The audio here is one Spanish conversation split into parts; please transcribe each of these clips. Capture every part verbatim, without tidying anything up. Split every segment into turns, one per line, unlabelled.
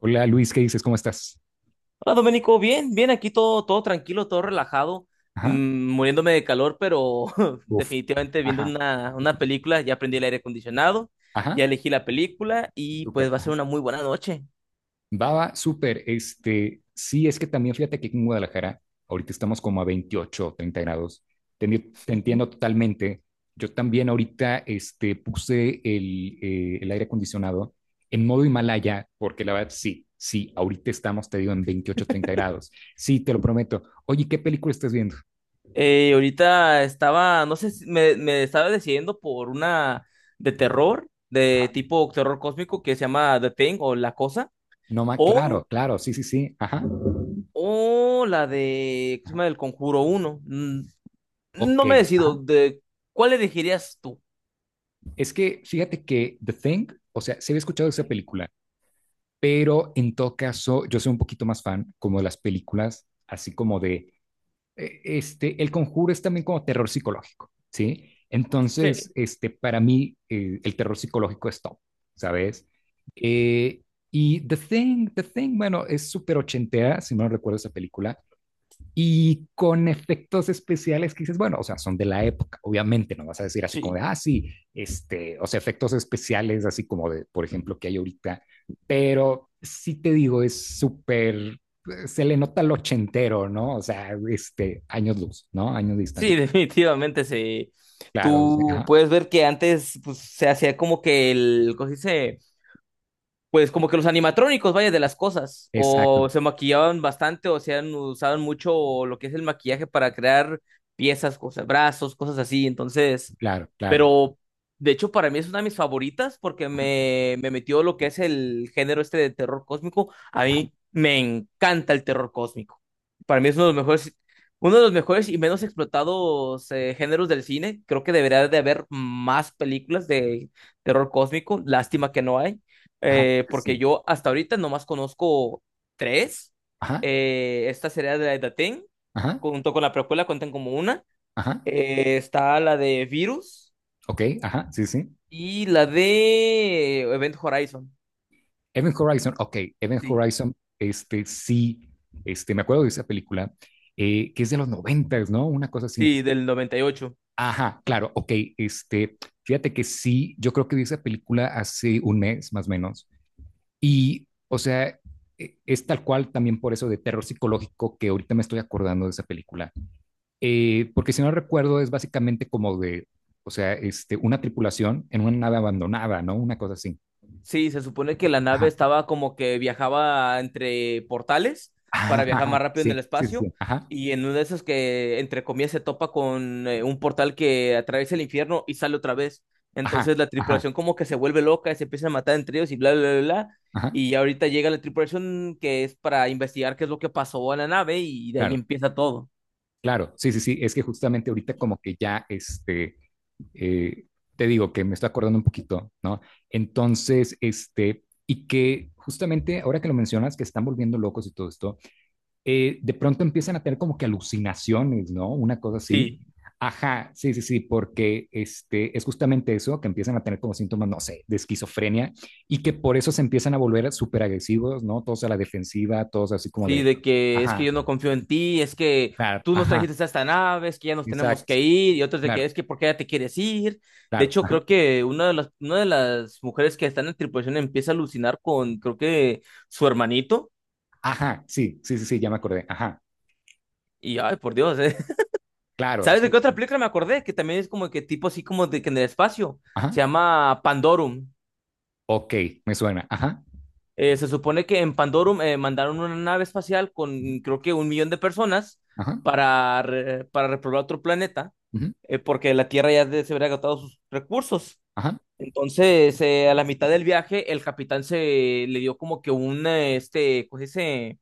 Hola Luis, ¿qué dices? ¿Cómo estás?
Hola Domenico, bien, bien, aquí todo, todo tranquilo, todo relajado, mm,
Ajá.
muriéndome de calor, pero
Uf.
definitivamente viendo
Ajá.
una, una película, ya aprendí el aire acondicionado, ya
Ajá.
elegí la película y pues
Súper.
va a ser
Ajá.
una muy buena noche.
Baba, súper. Este, sí, es que también fíjate que aquí en Guadalajara, ahorita estamos como a veintiocho o 30 grados. Te, enti- te entiendo totalmente. Yo también ahorita este, puse el, eh, el aire acondicionado en modo Himalaya, porque la verdad sí, sí, ahorita estamos, te digo, en veintiocho treinta grados. Sí, te lo prometo. Oye, ¿qué película estás viendo?
Eh, ahorita estaba, no sé, si- me, me estaba decidiendo por una de terror, de
Ajá.
tipo terror cósmico que se llama The Thing o La Cosa,
No más,
o,
claro, claro, sí, sí, sí. Ajá.
o la de, ¿qué se
Ajá.
llama? El Conjuro uno. Mm,
Ok,
No me decido,
ajá.
de, ¿cuál elegirías tú?
Es que fíjate que The Thing, o sea, se había escuchado esa película, pero en todo caso yo soy un poquito más fan como de las películas, así como de, eh, este, El Conjuro es también como terror psicológico, ¿sí? Entonces,
Sí.
este, para mí eh, el terror psicológico es top, ¿sabes? Eh, y The Thing, The Thing, bueno, es súper ochentera, si no recuerdo esa película, y con efectos especiales que dices, bueno, o sea, son de la época, obviamente, no vas a decir así como de,
Sí,
ah, sí, este, o sea, efectos especiales así como de, por ejemplo, que hay ahorita, pero sí te digo, es súper, se le nota el ochentero, ¿no? O sea, este, años luz, ¿no? Años de
sí,
distancia.
definitivamente sí.
Claro, sí,
Tú
ajá,
puedes ver que antes pues, se hacía como que el, ¿cómo se dice? Pues como que los animatrónicos, vaya, de las cosas,
exacto,
o se maquillaban bastante, o se han usaban mucho lo que es el maquillaje para crear piezas, cosas, brazos, cosas así, entonces,
claro, claro,
pero de hecho para mí es una de mis favoritas porque me, me metió lo que es el género este de terror cósmico, a mí me encanta el terror cósmico, para mí es uno de los mejores, uno de los mejores y menos explotados eh, géneros del cine, creo que debería de haber más películas de terror cósmico, lástima que no hay
ajá,
eh,
sí, sí,
porque yo hasta ahorita nomás conozco tres.
ajá,
Eh, esta sería de la de The Thing,
ajá,
junto con la precuela cuentan como una.
ajá,
Eh, está la de Virus
ok, ajá, sí, sí,
y la de Event Horizon.
Event Horizon, ok, Event
Sí,
Horizon, este sí, este, me acuerdo de esa película, eh, que es de los noventas, ¿no? Una cosa así.
sí, del noventa y ocho.
Ajá, claro, ok, este, fíjate que sí, yo creo que vi esa película hace un mes más o menos, y, o sea, eh, es tal cual también por eso de terror psicológico que ahorita me estoy acordando de esa película. Eh, porque si no recuerdo es básicamente como de, o sea, este, una tripulación en una nave abandonada, ¿no? Una cosa así.
Sí, se supone que la nave
Ajá.
estaba como que viajaba entre portales
Ah,
para
ajá,
viajar más
ajá,
rápido en el
sí, sí, sí,
espacio
sí, ajá.
y en uno de esos que entre comillas se topa con eh, un portal que atraviesa el infierno y sale otra vez.
Ajá,
Entonces la
ajá,
tripulación como que se vuelve loca, se empieza a matar entre ellos y bla, bla, bla, bla.
ajá,
Y ahorita llega la tripulación que es para investigar qué es lo que pasó a la nave y de ahí
claro,
empieza todo.
claro, sí, sí, sí, es que justamente ahorita como que ya, este, eh, te digo que me estoy acordando un poquito, ¿no? Entonces, este, y que justamente ahora que lo mencionas, que están volviendo locos y todo esto, eh, de pronto empiezan a tener como que alucinaciones, ¿no? Una cosa así.
Sí.
Ajá, sí, sí, sí, porque este, es justamente eso, que empiezan a tener como síntomas, no sé, de esquizofrenia y que por eso se empiezan a volver súper agresivos, ¿no? Todos a la defensiva, todos así como
Sí,
de,
de que es que
ajá,
yo no confío en ti, es que
claro,
tú nos
ajá,
trajiste a esta nave, es que ya nos tenemos
exacto,
que ir, y otros de que
claro,
es que por qué ya te quieres ir. De
claro,
hecho,
ajá,
creo que una de las, una de las mujeres que están en tripulación empieza a alucinar con, creo que, su hermanito.
ajá, sí, sí, sí, sí, ya me acordé, ajá,
Y ay, por Dios, ¿eh?
claro,
¿Sabes de
sí,
qué
sí,
otra
sí,
película me acordé? Que también es como que tipo así como de que en el espacio. Se
ajá,
llama Pandorum.
ok, me suena, ajá,
Eh, se supone que en Pandorum eh, mandaron una nave espacial
ujú,
con creo que un millón de personas
ajá,
para, re- para repoblar otro planeta,
ujú,
eh, porque la Tierra ya de- se habría agotado sus recursos.
ajá,
Entonces, eh, a la mitad del viaje, el capitán se le dio como que un, eh, este, pues ese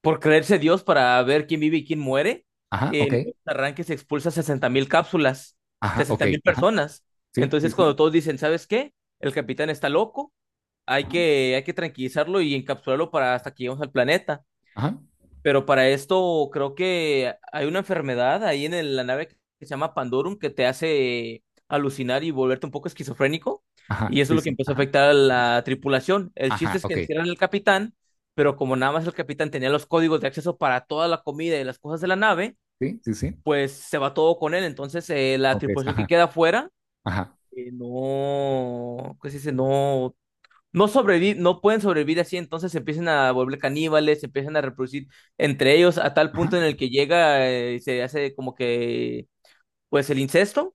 por creerse Dios para ver quién vive y quién muere.
ajá, ok,
En un arranque se expulsa sesenta mil cápsulas,
ajá, ok,
sesenta mil
ajá,
personas.
sí, sí,
Entonces,
sí,
cuando todos dicen, ¿sabes qué? El capitán está loco, hay
ajá,
que, hay que tranquilizarlo y encapsularlo para hasta que lleguemos al planeta.
ajá,
Pero para esto creo que hay una enfermedad ahí en el- la nave que se llama Pandorum que te hace alucinar y volverte un poco esquizofrénico.
ajá,
Y eso es
sí,
lo que
sí,
empezó a
ajá,
afectar a la tripulación. El chiste
ajá,
es que
ok,
encierran al capitán, pero como nada más el capitán tenía los códigos de acceso para toda la comida y las cosas de la nave,
sí, sí, sí,
pues se va todo con él. Entonces eh, la
ok,
tripulación que
ajá,
queda afuera
ajá,
eh, no, ¿qué se dice? No no sobrevi- no pueden sobrevivir así, entonces se empiezan a volver caníbales, se empiezan a reproducir entre ellos a tal punto
ajá,
en el que llega, eh, se hace como que, pues el incesto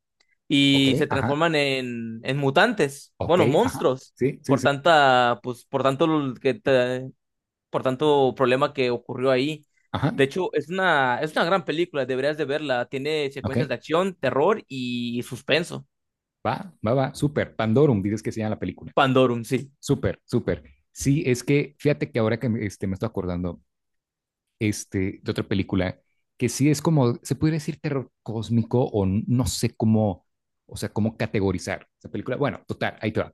ok,
y se
ajá,
transforman en, en mutantes,
ok,
bueno,
ajá,
monstruos,
sí, sí,
por
sí,
tanta, pues, por tanto l- que te- por tanto problema que ocurrió ahí.
ajá,
De hecho, es una, es una gran película, deberías de verla. Tiene
ok,
secuencias de acción, terror y suspenso.
va, va, va, súper, Pandorum, dices que se llama la película,
Pandorum, sí.
súper, súper, sí, es que fíjate que ahora que me, este, me estoy acordando, este, de otra película que sí es como, se podría decir terror cósmico o n- no sé cómo, o sea, cómo categorizar esa película. Bueno, total, ahí te va.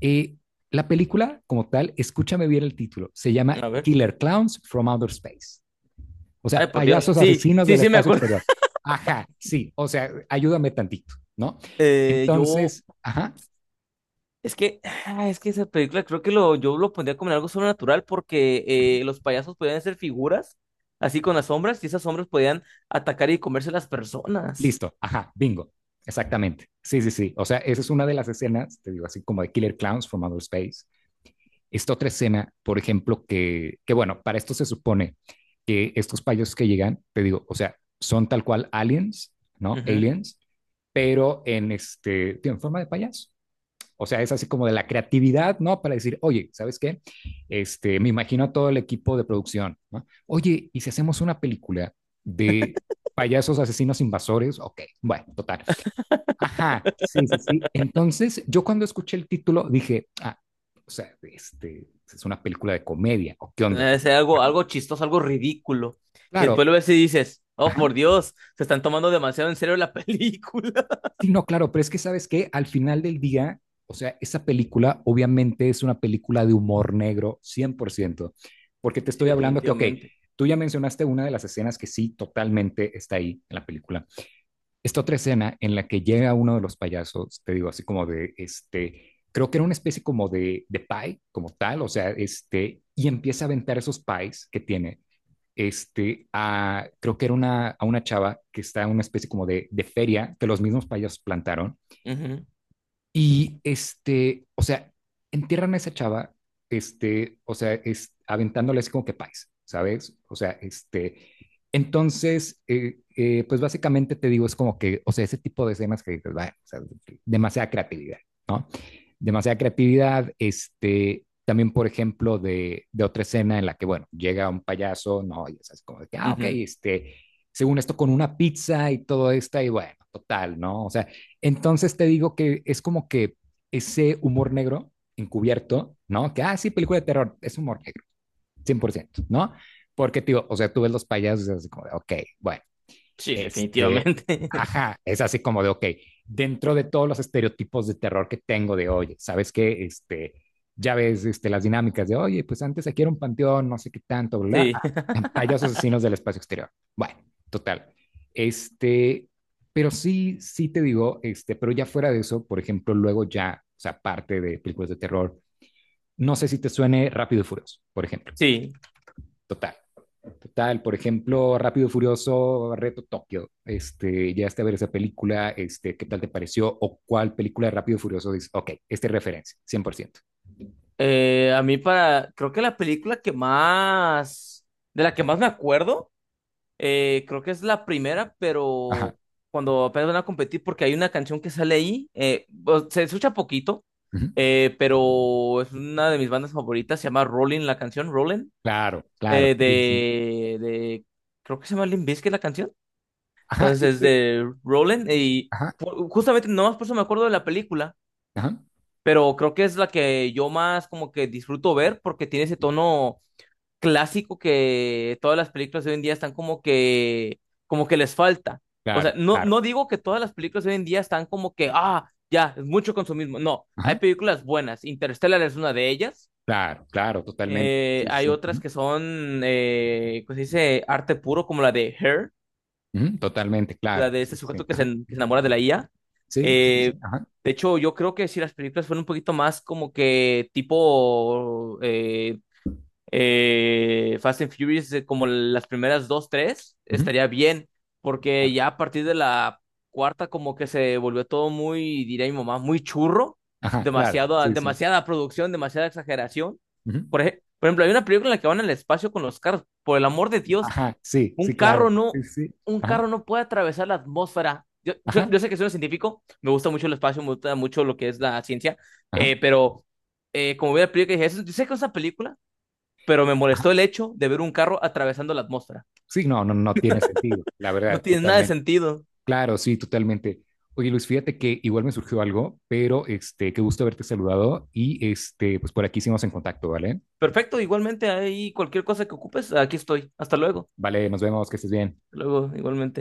Eh, la película como tal, escúchame bien el título, se llama
A ver.
Killer Clowns from Outer Space. O
Ay,
sea,
por Dios.
payasos
Sí,
asesinos
sí,
del
sí, me
espacio
acuerdo.
exterior. Ajá, sí, o sea, ayúdame tantito, ¿no?
Eh, yo,
Entonces, ajá,
es que, ah, es que esa película creo que lo, yo lo pondría como en algo sobrenatural porque eh, los payasos podían ser figuras así con las sombras y esas sombras podían atacar y comerse las personas.
listo, ajá, bingo, exactamente. Sí, sí, sí. O sea, esa es una de las escenas, te digo, así como de Killer Clowns from Outer Space. Esta otra escena, por ejemplo, que, que bueno, para esto se supone que estos payasos que llegan, te digo, o sea, son tal cual aliens, ¿no?
Ujú.
Aliens, pero en este, tío, en forma de payaso. O sea, es así como de la creatividad, ¿no? Para decir, oye, ¿sabes qué? Este, me imagino a todo el equipo de producción, ¿no? Oye, ¿y si hacemos una película de payasos asesinos invasores? Ok, bueno, total. Ajá, sí, sí, sí. Entonces, yo cuando escuché el título dije, ah, o sea, este, ¿es una película de comedia, o qué onda,
Eh,
pues?
sea algo,
Ajá,
algo chistoso, algo ridículo. Y
claro,
después lo ves y dices, oh,
ajá.
por Dios, se están tomando demasiado en serio la película.
Sí, no, claro, pero es que sabes que al final del día, o sea, esa película obviamente es una película de humor negro cien por ciento, porque te
Sí,
estoy hablando que, ok,
definitivamente.
tú ya mencionaste una de las escenas que sí totalmente está ahí en la película, esta otra escena en la que llega uno de los payasos, te digo, así como de, este, creo que era una especie como de, de, pie, como tal, o sea, este, y empieza a aventar esos pies que tiene, este, a, creo que era una, a una chava que está en una especie como de, de feria que los mismos payasos plantaron,
Ujú,
y este, o sea, entierran a esa chava, este, o sea, es, aventándole así como que pais, ¿sabes? O sea, este, entonces, eh, eh, pues básicamente te digo, es como que, o sea, ese tipo de escenas que dices, "Bah, o sea, demasiada creatividad, demasiada creatividad, este, también, por ejemplo, de, de, otra escena en la que, bueno, llega un payaso, no, y es como de que, ah, ok,
ujú.
este, según esto, con una pizza y todo esto, y bueno, total, ¿no? O sea, entonces te digo que es como que ese humor negro encubierto, ¿no? Que, ah, sí, película de terror, es humor negro, cien por ciento, ¿no? Porque, tío, o sea, tú ves los payasos y es así como de, ok, bueno,
Sí,
este,
definitivamente.
ajá, es así como de, ok, dentro de todos los estereotipos de terror que tengo de, oye, ¿sabes qué? Este, ya ves este, las dinámicas de, oye, pues antes aquí era un panteón, no sé qué tanto, bla, bla,
Sí,
ah, payasos asesinos del espacio exterior. Bueno, total. Este, pero sí, sí te digo, este, pero ya fuera de eso, por ejemplo, luego ya, o sea, parte de películas de terror, no sé si te suene Rápido y Furioso, por ejemplo.
sí.
Total. Total, por ejemplo, Rápido y Furioso, Reto Tokio. Este, ya está a ver esa película, este, ¿qué tal te pareció? ¿O cuál película de Rápido y Furioso dices, ok, esta es referencia, cien por ciento?
Eh, a mí para, creo que la película que más, de la que más me acuerdo, eh, creo que es la primera,
Ajá.
pero cuando apenas van a competir, porque hay una canción que sale ahí, eh, o- se escucha poquito,
Ujú.
eh, pero es una de mis bandas favoritas, se llama Rolling, la canción Rolling,
Claro, claro.
eh,
Sí, sí, sí.
de, de, creo que se llama Limp Bizkit la canción,
Ajá,
entonces
es
es
que,
de Rolling, y
ajá,
ju- justamente nomás por eso me acuerdo de la película,
ajá.
pero creo que es la que yo más como que disfruto ver porque tiene ese tono clásico que todas las películas de hoy en día están como que, como que les falta. O sea,
Claro,
no,
claro.
no digo que todas las películas de hoy en día están como que, ah, ya, es mucho consumismo. No, hay
Ajá.
películas buenas. Interstellar es una de ellas.
Claro, claro, totalmente.
Eh,
Sí, sí,
hay
sí.
otras
Ujú,
que son, eh, ¿cómo se dice? Arte puro, como la de Her,
ujú, totalmente, claro.
la de
Sí,
este
sí, sí.
sujeto que se,
Ajá.
en- que se enamora de la I A.
Sí, sí,
Eh,
sí. Ajá.
de hecho, yo creo que si las películas fueran un poquito más como que tipo eh, eh, Fast and Furious, eh, como las primeras dos, tres,
Ujú,
estaría bien, porque
claro,
ya a partir de la cuarta como que se volvió todo muy, diría mi mamá, muy churro,
ajá, claro.
demasiado,
Sí, sí.
demasiada producción, demasiada exageración.
Ujú.
Por ej- por ejemplo, hay una película en la que van al espacio con los carros, por el amor de Dios,
Ajá, sí, sí,
un carro
claro. Sí,
no,
sí.
un
Ajá,
carro no puede atravesar la atmósfera. Yo, yo,
ajá,
yo sé que soy un científico, me gusta mucho el espacio, me gusta mucho lo que es la ciencia,
ajá,
eh, pero eh, como vi la película, dije, "Eso- yo sé que es una película, pero me molestó
ajá.
el hecho de ver un carro atravesando la atmósfera.
Sí, no, no, no tiene sentido, la
No
verdad,
tiene nada de
totalmente.
sentido.
Claro, sí, totalmente. Oye, Luis, fíjate que igual me surgió algo, pero este, qué gusto haberte saludado y este, pues por aquí seguimos en contacto, ¿vale?
Perfecto, igualmente ahí cualquier cosa que ocupes, aquí estoy. Hasta luego.
Vale, nos vemos, que estés bien.
Hasta luego, igualmente.